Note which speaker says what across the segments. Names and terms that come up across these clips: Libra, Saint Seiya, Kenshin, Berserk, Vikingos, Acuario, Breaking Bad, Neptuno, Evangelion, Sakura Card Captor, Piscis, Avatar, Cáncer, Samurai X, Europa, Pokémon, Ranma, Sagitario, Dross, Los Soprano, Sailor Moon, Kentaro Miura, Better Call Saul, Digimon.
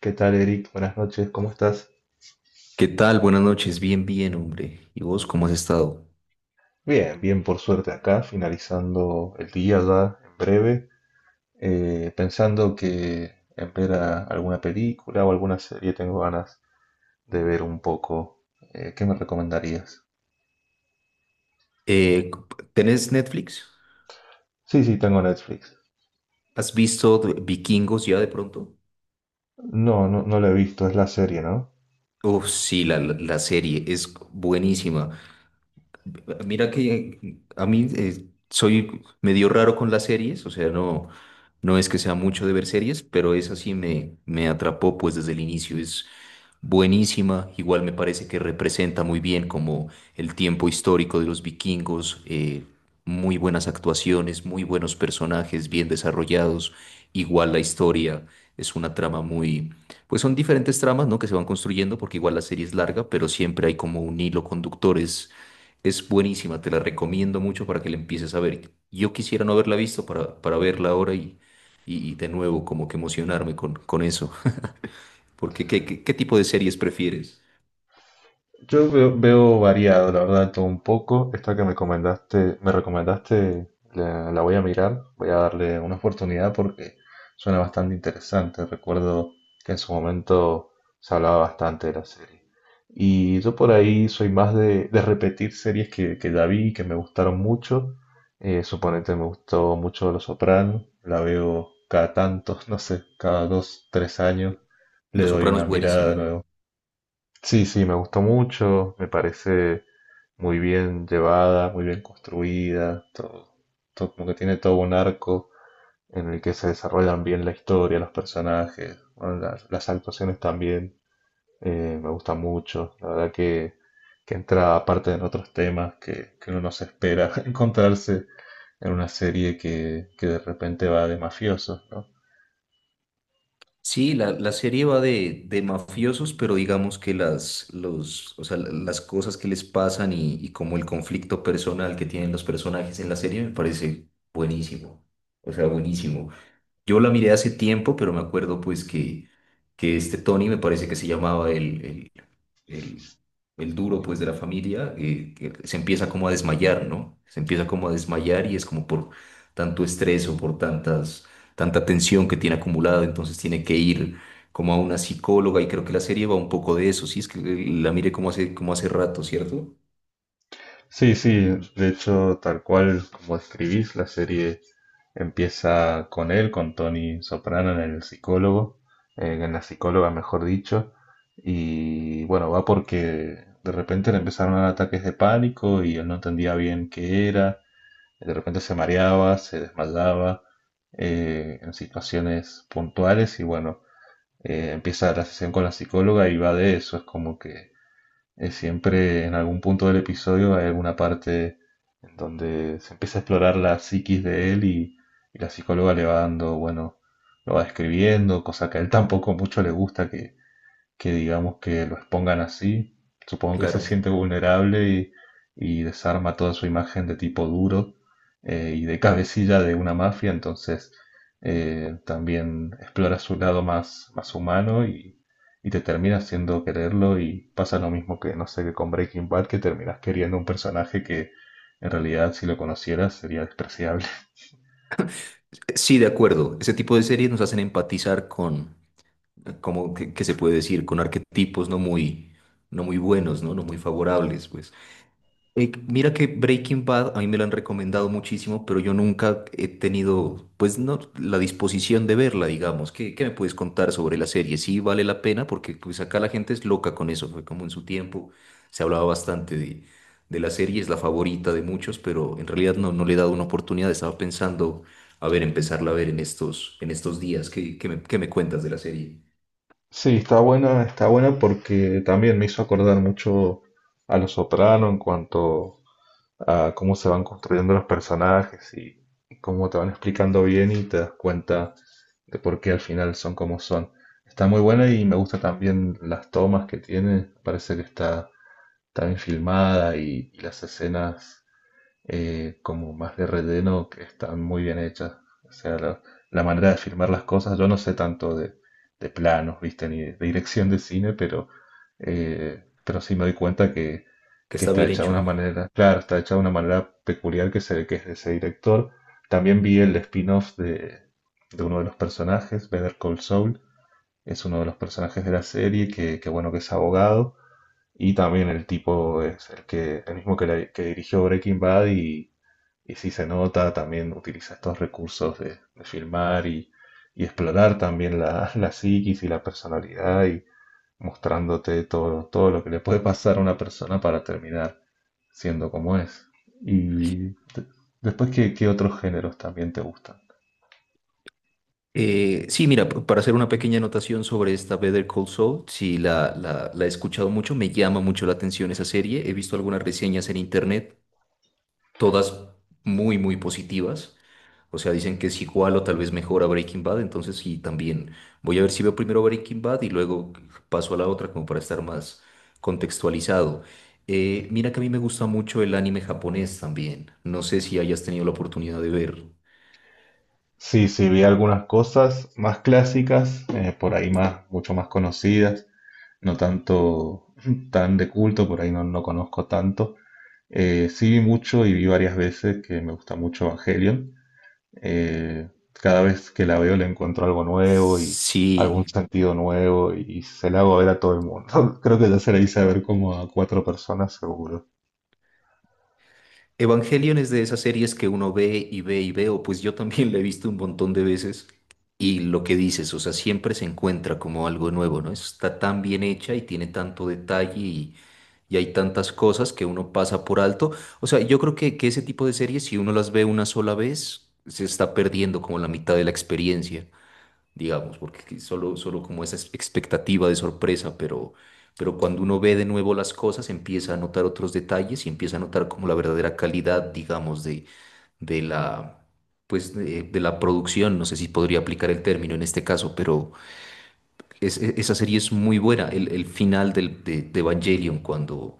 Speaker 1: ¿Qué tal, Eric? Buenas noches, ¿cómo estás?
Speaker 2: ¿Qué tal? Buenas noches. Bien, bien, hombre. ¿Y vos cómo has estado?
Speaker 1: Bien, bien, por suerte acá, finalizando el día ya en breve, pensando que en ver alguna película o alguna serie tengo ganas de ver un poco. ¿Qué me recomendarías?
Speaker 2: Eh, ¿Tenés Netflix?
Speaker 1: Sí, sí, tengo Netflix.
Speaker 2: ¿Has visto Vikingos ya de pronto?
Speaker 1: No, no, no la he visto, es la serie, ¿no?
Speaker 2: Oh, sí, la serie es buenísima. Mira que a mí soy medio raro con las series, o sea, no, no es que sea mucho de ver series, pero esa sí me atrapó pues desde el inicio. Buenísima. Igual me parece que representa muy bien como el tiempo histórico de los vikingos, muy buenas actuaciones, muy buenos personajes bien desarrollados. Igual la historia es una trama muy, pues son diferentes tramas, ¿no? Que se van construyendo porque igual la serie es larga, pero siempre hay como un hilo conductor. Es buenísima, te la recomiendo mucho para que la empieces a ver. Yo quisiera no haberla visto para verla ahora y de nuevo como que emocionarme con eso. Porque, ¿qué tipo de series prefieres?
Speaker 1: Yo veo, veo variado, la verdad, todo un poco. Esta que me comentaste, me recomendaste, la voy a mirar, voy a darle una oportunidad porque suena bastante interesante. Recuerdo que en su momento se hablaba bastante de la serie. Y yo por ahí soy más de repetir series que ya vi y que me gustaron mucho. Suponete me gustó mucho Los Soprano, la veo cada tantos, no sé, cada dos, tres años, le
Speaker 2: Los
Speaker 1: doy
Speaker 2: Soprano
Speaker 1: una
Speaker 2: es
Speaker 1: mirada de
Speaker 2: buenísima.
Speaker 1: nuevo. Sí, sí, me gustó mucho, me parece muy bien llevada, muy bien construida, todo, todo como que tiene todo un arco en el que se desarrollan bien la historia, los personajes, bueno, las actuaciones también, me gusta mucho, la verdad que entra aparte en otros temas que uno no se espera encontrarse en una serie que de repente va de mafiosos, ¿no?
Speaker 2: Sí, la serie va de mafiosos, pero digamos que las, los, o sea, la- las cosas que les pasan y como el conflicto personal que tienen los personajes en la serie me parece buenísimo. O sea, buenísimo. Yo la miré hace tiempo, pero me acuerdo pues que este Tony me parece que se llamaba el, el duro pues de la familia, que se empieza como a desmayar, ¿no? Se empieza como a desmayar y es como por tanto estrés o por tantas, tanta tensión que tiene acumulada, entonces tiene que ir como a una psicóloga y creo que la serie va un poco de eso, sí, es que la mire como hace rato, ¿cierto?
Speaker 1: Sí, sí, de hecho, tal cual como escribís, la serie empieza con él, con Tony Soprano en el psicólogo, en la psicóloga, mejor dicho, y bueno, va porque de repente le empezaron a dar ataques de pánico y él no entendía bien qué era, de repente se mareaba, se desmayaba en situaciones puntuales y bueno, empieza la sesión con la psicóloga y va de eso, es como que siempre en algún punto del episodio hay alguna parte en donde se empieza a explorar la psiquis de él y la psicóloga le va dando, bueno, lo va describiendo, cosa que a él tampoco mucho le gusta, que digamos que lo expongan así, supongo que se
Speaker 2: Claro.
Speaker 1: siente vulnerable y desarma toda su imagen de tipo duro y de cabecilla de una mafia, entonces también explora su lado más, más humano y te termina haciendo quererlo y pasa lo mismo que, no sé, que con Breaking Bad, que terminas queriendo un personaje que en realidad si lo conocieras sería despreciable.
Speaker 2: Sí, de acuerdo. Ese tipo de series nos hacen empatizar con, como que se puede decir, con arquetipos no muy, no muy buenos, ¿no? No muy favorables, pues. Mira que Breaking Bad a mí me lo han recomendado muchísimo, pero yo nunca he tenido, pues no, la disposición de verla, digamos. ¿Qué, me puedes contar sobre la serie? Sí, vale la pena, porque pues acá la gente es loca con eso. Fue como en su tiempo se hablaba bastante de la serie, es la favorita de muchos, pero en realidad no, no le he dado una oportunidad. Estaba pensando, a ver, empezarla a ver en estos días. ¿Qué, qué me cuentas de la serie?
Speaker 1: Sí, está buena porque también me hizo acordar mucho a Los Soprano en cuanto a cómo se van construyendo los personajes y cómo te van explicando bien y te das cuenta de por qué al final son como son. Está muy buena y me gusta también las tomas que tiene, parece que está, está bien filmada y las escenas como más de relleno que están muy bien hechas. O sea, la manera de filmar las cosas, yo no sé tanto de planos, viste, ni de dirección de cine, pero sí me doy cuenta
Speaker 2: Que
Speaker 1: que
Speaker 2: está
Speaker 1: está
Speaker 2: bien
Speaker 1: hecha de
Speaker 2: hecho.
Speaker 1: una manera, claro, está hecha de una manera peculiar que se ve que es de ese director. También vi el spin-off de uno de los personajes, Better Call Saul, es uno de los personajes de la serie que bueno, que es abogado. Y también el tipo es el que, el mismo que, que dirigió Breaking Bad y si se nota, también utiliza estos recursos de filmar y explorar también la, la psiquis y la personalidad y mostrándote todo, todo lo que le puede pasar a una persona para terminar siendo como es. Y de- después, ¿qué, qué otros géneros también te gustan?
Speaker 2: Sí, mira, para hacer una pequeña anotación sobre esta Better Call Saul, sí, la he escuchado mucho, me llama mucho la atención esa serie, he visto algunas reseñas en internet, todas muy, muy positivas, o sea, dicen que es igual o tal vez mejor a Breaking Bad, entonces sí, también voy a ver si veo primero Breaking Bad y luego paso a la otra como para estar más contextualizado. Mira que a mí me gusta mucho el anime japonés también, no sé si hayas tenido la oportunidad de ver.
Speaker 1: Sí, sí, vi algunas cosas más clásicas, por ahí más, mucho más conocidas, no tanto tan de culto, por ahí no, no conozco tanto. Sí vi mucho y vi varias veces que me gusta mucho Evangelion. Cada vez que la veo le encuentro algo nuevo y algún
Speaker 2: Sí,
Speaker 1: sentido nuevo y se la hago ver a todo el mundo. Creo que ya se la hice ver como a cuatro personas seguro.
Speaker 2: Evangelion es de esas series que uno ve y ve y ve, o pues yo también la he visto un montón de veces. Y lo que dices, o sea, siempre se encuentra como algo nuevo, ¿no? Está tan bien hecha y tiene tanto detalle y hay tantas cosas que uno pasa por alto. O sea, yo creo que ese tipo de series, si uno las ve una sola vez, se está perdiendo como la mitad de la experiencia digamos, porque solo, solo como esa expectativa de sorpresa, pero cuando uno ve de nuevo las cosas, empieza a notar otros detalles y empieza a notar como la verdadera calidad, digamos, de la, pues, de la producción, no sé si podría aplicar el término en este caso, pero esa serie es muy buena, el final de Evangelion, cuando,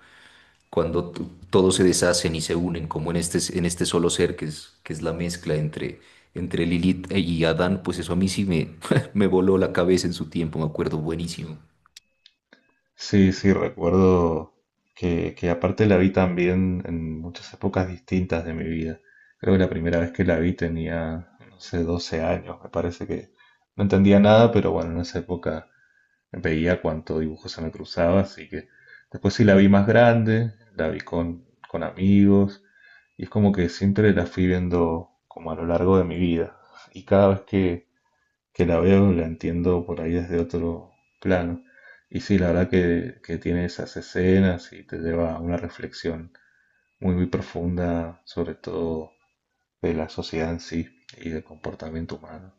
Speaker 2: cuando t- todos se deshacen y se unen, como en este solo ser que es la mezcla entre, entre Lilith y Adán, pues eso a mí sí me, me voló la cabeza en su tiempo, me acuerdo buenísimo.
Speaker 1: Sí, sí, recuerdo que aparte la vi también en muchas épocas distintas de mi vida. Creo que la primera vez que la vi tenía, no sé, 12 años, me parece que no entendía nada, pero bueno, en esa época veía cuánto dibujo se me cruzaba, así que después sí la vi más grande, la vi con amigos, y es como que siempre la fui viendo como a lo largo de mi vida, y cada vez que la veo la entiendo por ahí desde otro plano. Y sí, la verdad que tiene esas escenas y te lleva a una reflexión muy, muy profunda, sobre todo de la sociedad en sí y del comportamiento humano.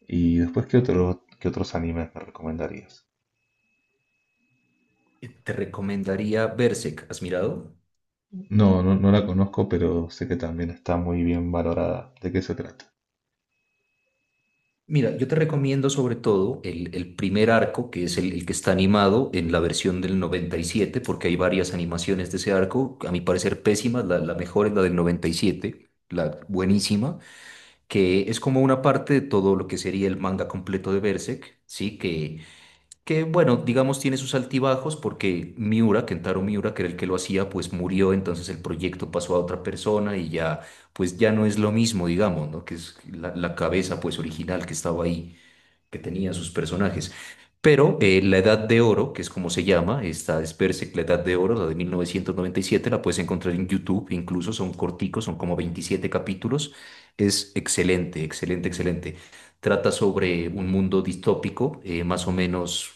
Speaker 1: Y después, ¿qué otro, qué otros animes me recomendarías?
Speaker 2: Te recomendaría Berserk, ¿has mirado?
Speaker 1: No, no, no la conozco, pero sé que también está muy bien valorada. ¿De qué se trata?
Speaker 2: Mira, yo te recomiendo sobre todo el primer arco, que es el que está animado en la versión del 97 porque hay varias animaciones de ese arco, a mi parecer pésimas, la mejor es la del 97 la buenísima, que es como una parte de todo lo que sería el manga completo de Berserk, ¿sí? Que bueno, digamos tiene sus altibajos porque Miura, Kentaro Miura, que era el que lo hacía, pues murió, entonces el proyecto pasó a otra persona y ya, pues ya no es lo mismo, digamos, ¿no? Que es la cabeza pues original que estaba ahí que tenían sus personajes. Pero la Edad de Oro, que es como se llama, esta es Berserk, la Edad de Oro, la de 1997 la puedes encontrar en YouTube, incluso son corticos, son como 27 capítulos. Es excelente, excelente, excelente. Trata sobre un mundo distópico, más o menos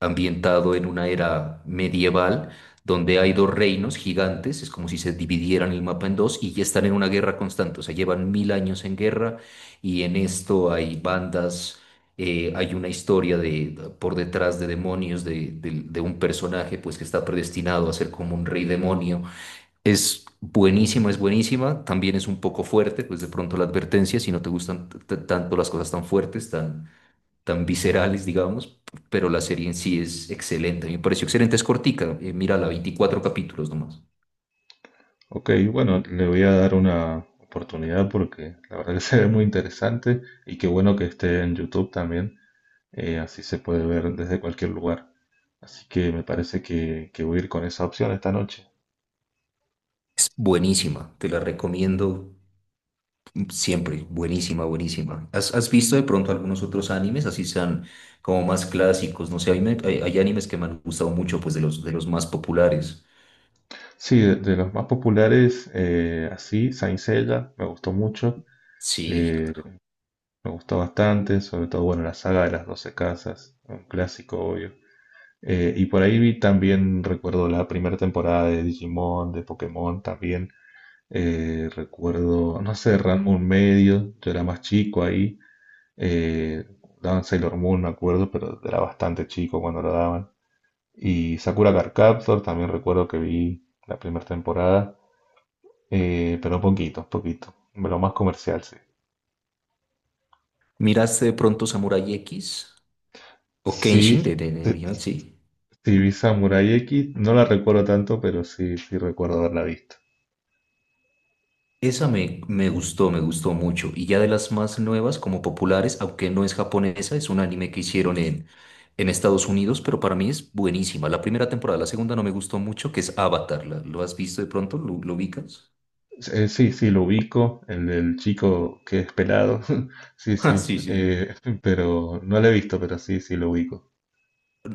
Speaker 2: ambientado en una era medieval donde hay dos reinos gigantes, es como si se dividieran el mapa en dos y ya están en una guerra constante, o sea, llevan 1000 años en guerra y en esto hay bandas, hay una historia de, por detrás de demonios, de un personaje pues que está predestinado a ser como un rey demonio. Es buenísima, también es un poco fuerte, pues de pronto la advertencia, si no te gustan tanto las cosas tan fuertes, tan tan viscerales, digamos, pero la serie en sí es excelente. A mí me pareció excelente, es cortica, mírala, 24 capítulos nomás.
Speaker 1: Ok, bueno, le voy a dar una oportunidad porque la verdad que se ve muy interesante y qué bueno que esté en YouTube también, así se puede ver desde cualquier lugar. Así que me parece que voy a ir con esa opción esta noche.
Speaker 2: Es buenísima, te la recomiendo siempre, buenísima, buenísima. Has visto de pronto algunos otros animes, así sean como más clásicos? No sé, a mí hay, hay animes que me han gustado mucho, pues de los más populares.
Speaker 1: Sí, de los más populares, así, Saint Seiya, me gustó mucho,
Speaker 2: Sí,
Speaker 1: eh, me gustó bastante, sobre todo, bueno, la saga de las 12 casas, un clásico, obvio. Y por ahí vi también, recuerdo la primera temporada de Digimon, de Pokémon también. Recuerdo, no sé, Ranma medio, yo era más chico ahí. Eh, daban Sailor Moon, me acuerdo, pero era bastante chico cuando lo daban. Y Sakura Card Captor también recuerdo que vi la primera temporada, pero poquito, poquito. Lo más comercial, sí.
Speaker 2: ¿miraste de pronto Samurai X o
Speaker 1: Sí,
Speaker 2: Kenshin de, de
Speaker 1: sí,
Speaker 2: original? Sí.
Speaker 1: sí vi Samurai X, no la recuerdo tanto, pero sí, sí recuerdo haberla visto.
Speaker 2: Esa me, me gustó mucho. Y ya de las más nuevas, como populares, aunque no es japonesa, es un anime que hicieron en Estados Unidos, pero para mí es buenísima. La primera temporada, la segunda no me gustó mucho, que es Avatar. ¿Lo has visto de pronto? Lo ubicas?
Speaker 1: Sí, sí, lo ubico, el del chico que es pelado, sí,
Speaker 2: Ah,
Speaker 1: sí,
Speaker 2: sí, sí.
Speaker 1: pero no lo he visto, pero sí, sí, lo ubico.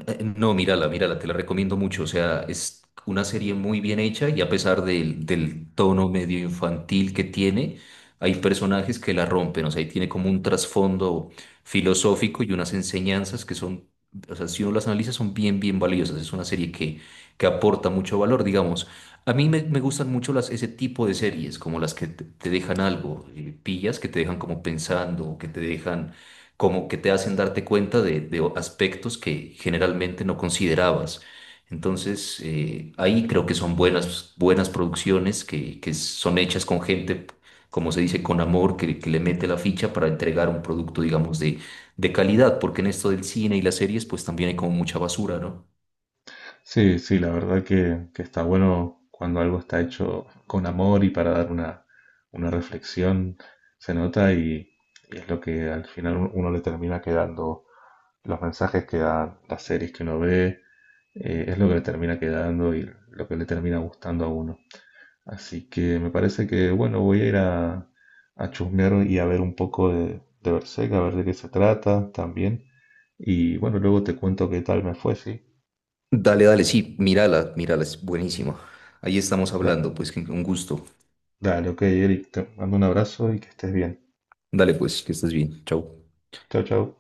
Speaker 2: No, mírala, mírala, te la recomiendo mucho. O sea, es una serie muy bien hecha y a pesar del tono medio infantil que tiene, hay personajes que la rompen. O sea, ahí tiene como un trasfondo filosófico y unas enseñanzas que son, o sea, si uno las analiza, son bien, bien valiosas. Es una serie que aporta mucho valor, digamos. A mí me, me gustan mucho las, ese tipo de series, como las que te dejan algo, pillas, que te dejan como pensando, que te dejan como que te hacen darte cuenta de aspectos que generalmente no considerabas. Entonces, ahí creo que son buenas, buenas producciones que son hechas con gente, como se dice, con amor, que le mete la ficha para entregar un producto, digamos, de calidad, porque en esto del cine y las series, pues también hay como mucha basura, ¿no?
Speaker 1: Sí, sí, la verdad que está bueno cuando algo está hecho con amor y para dar una reflexión, se nota y es lo que al final uno le termina quedando, los mensajes que dan las series que uno ve, es lo que le termina quedando y lo que le termina gustando a uno. Así que me parece que, bueno, voy a ir a chusmear y a ver un poco de Berserk, a ver de qué se trata también. Y bueno, luego te cuento qué tal me fue, ¿sí?
Speaker 2: Dale, dale, sí, mírala, mírala, es buenísima. Ahí estamos
Speaker 1: Da-
Speaker 2: hablando, pues que un gusto.
Speaker 1: dale, ok, Eric, te mando un abrazo y que estés bien.
Speaker 2: Dale, pues, que estés bien. Chau.
Speaker 1: Chao, chao.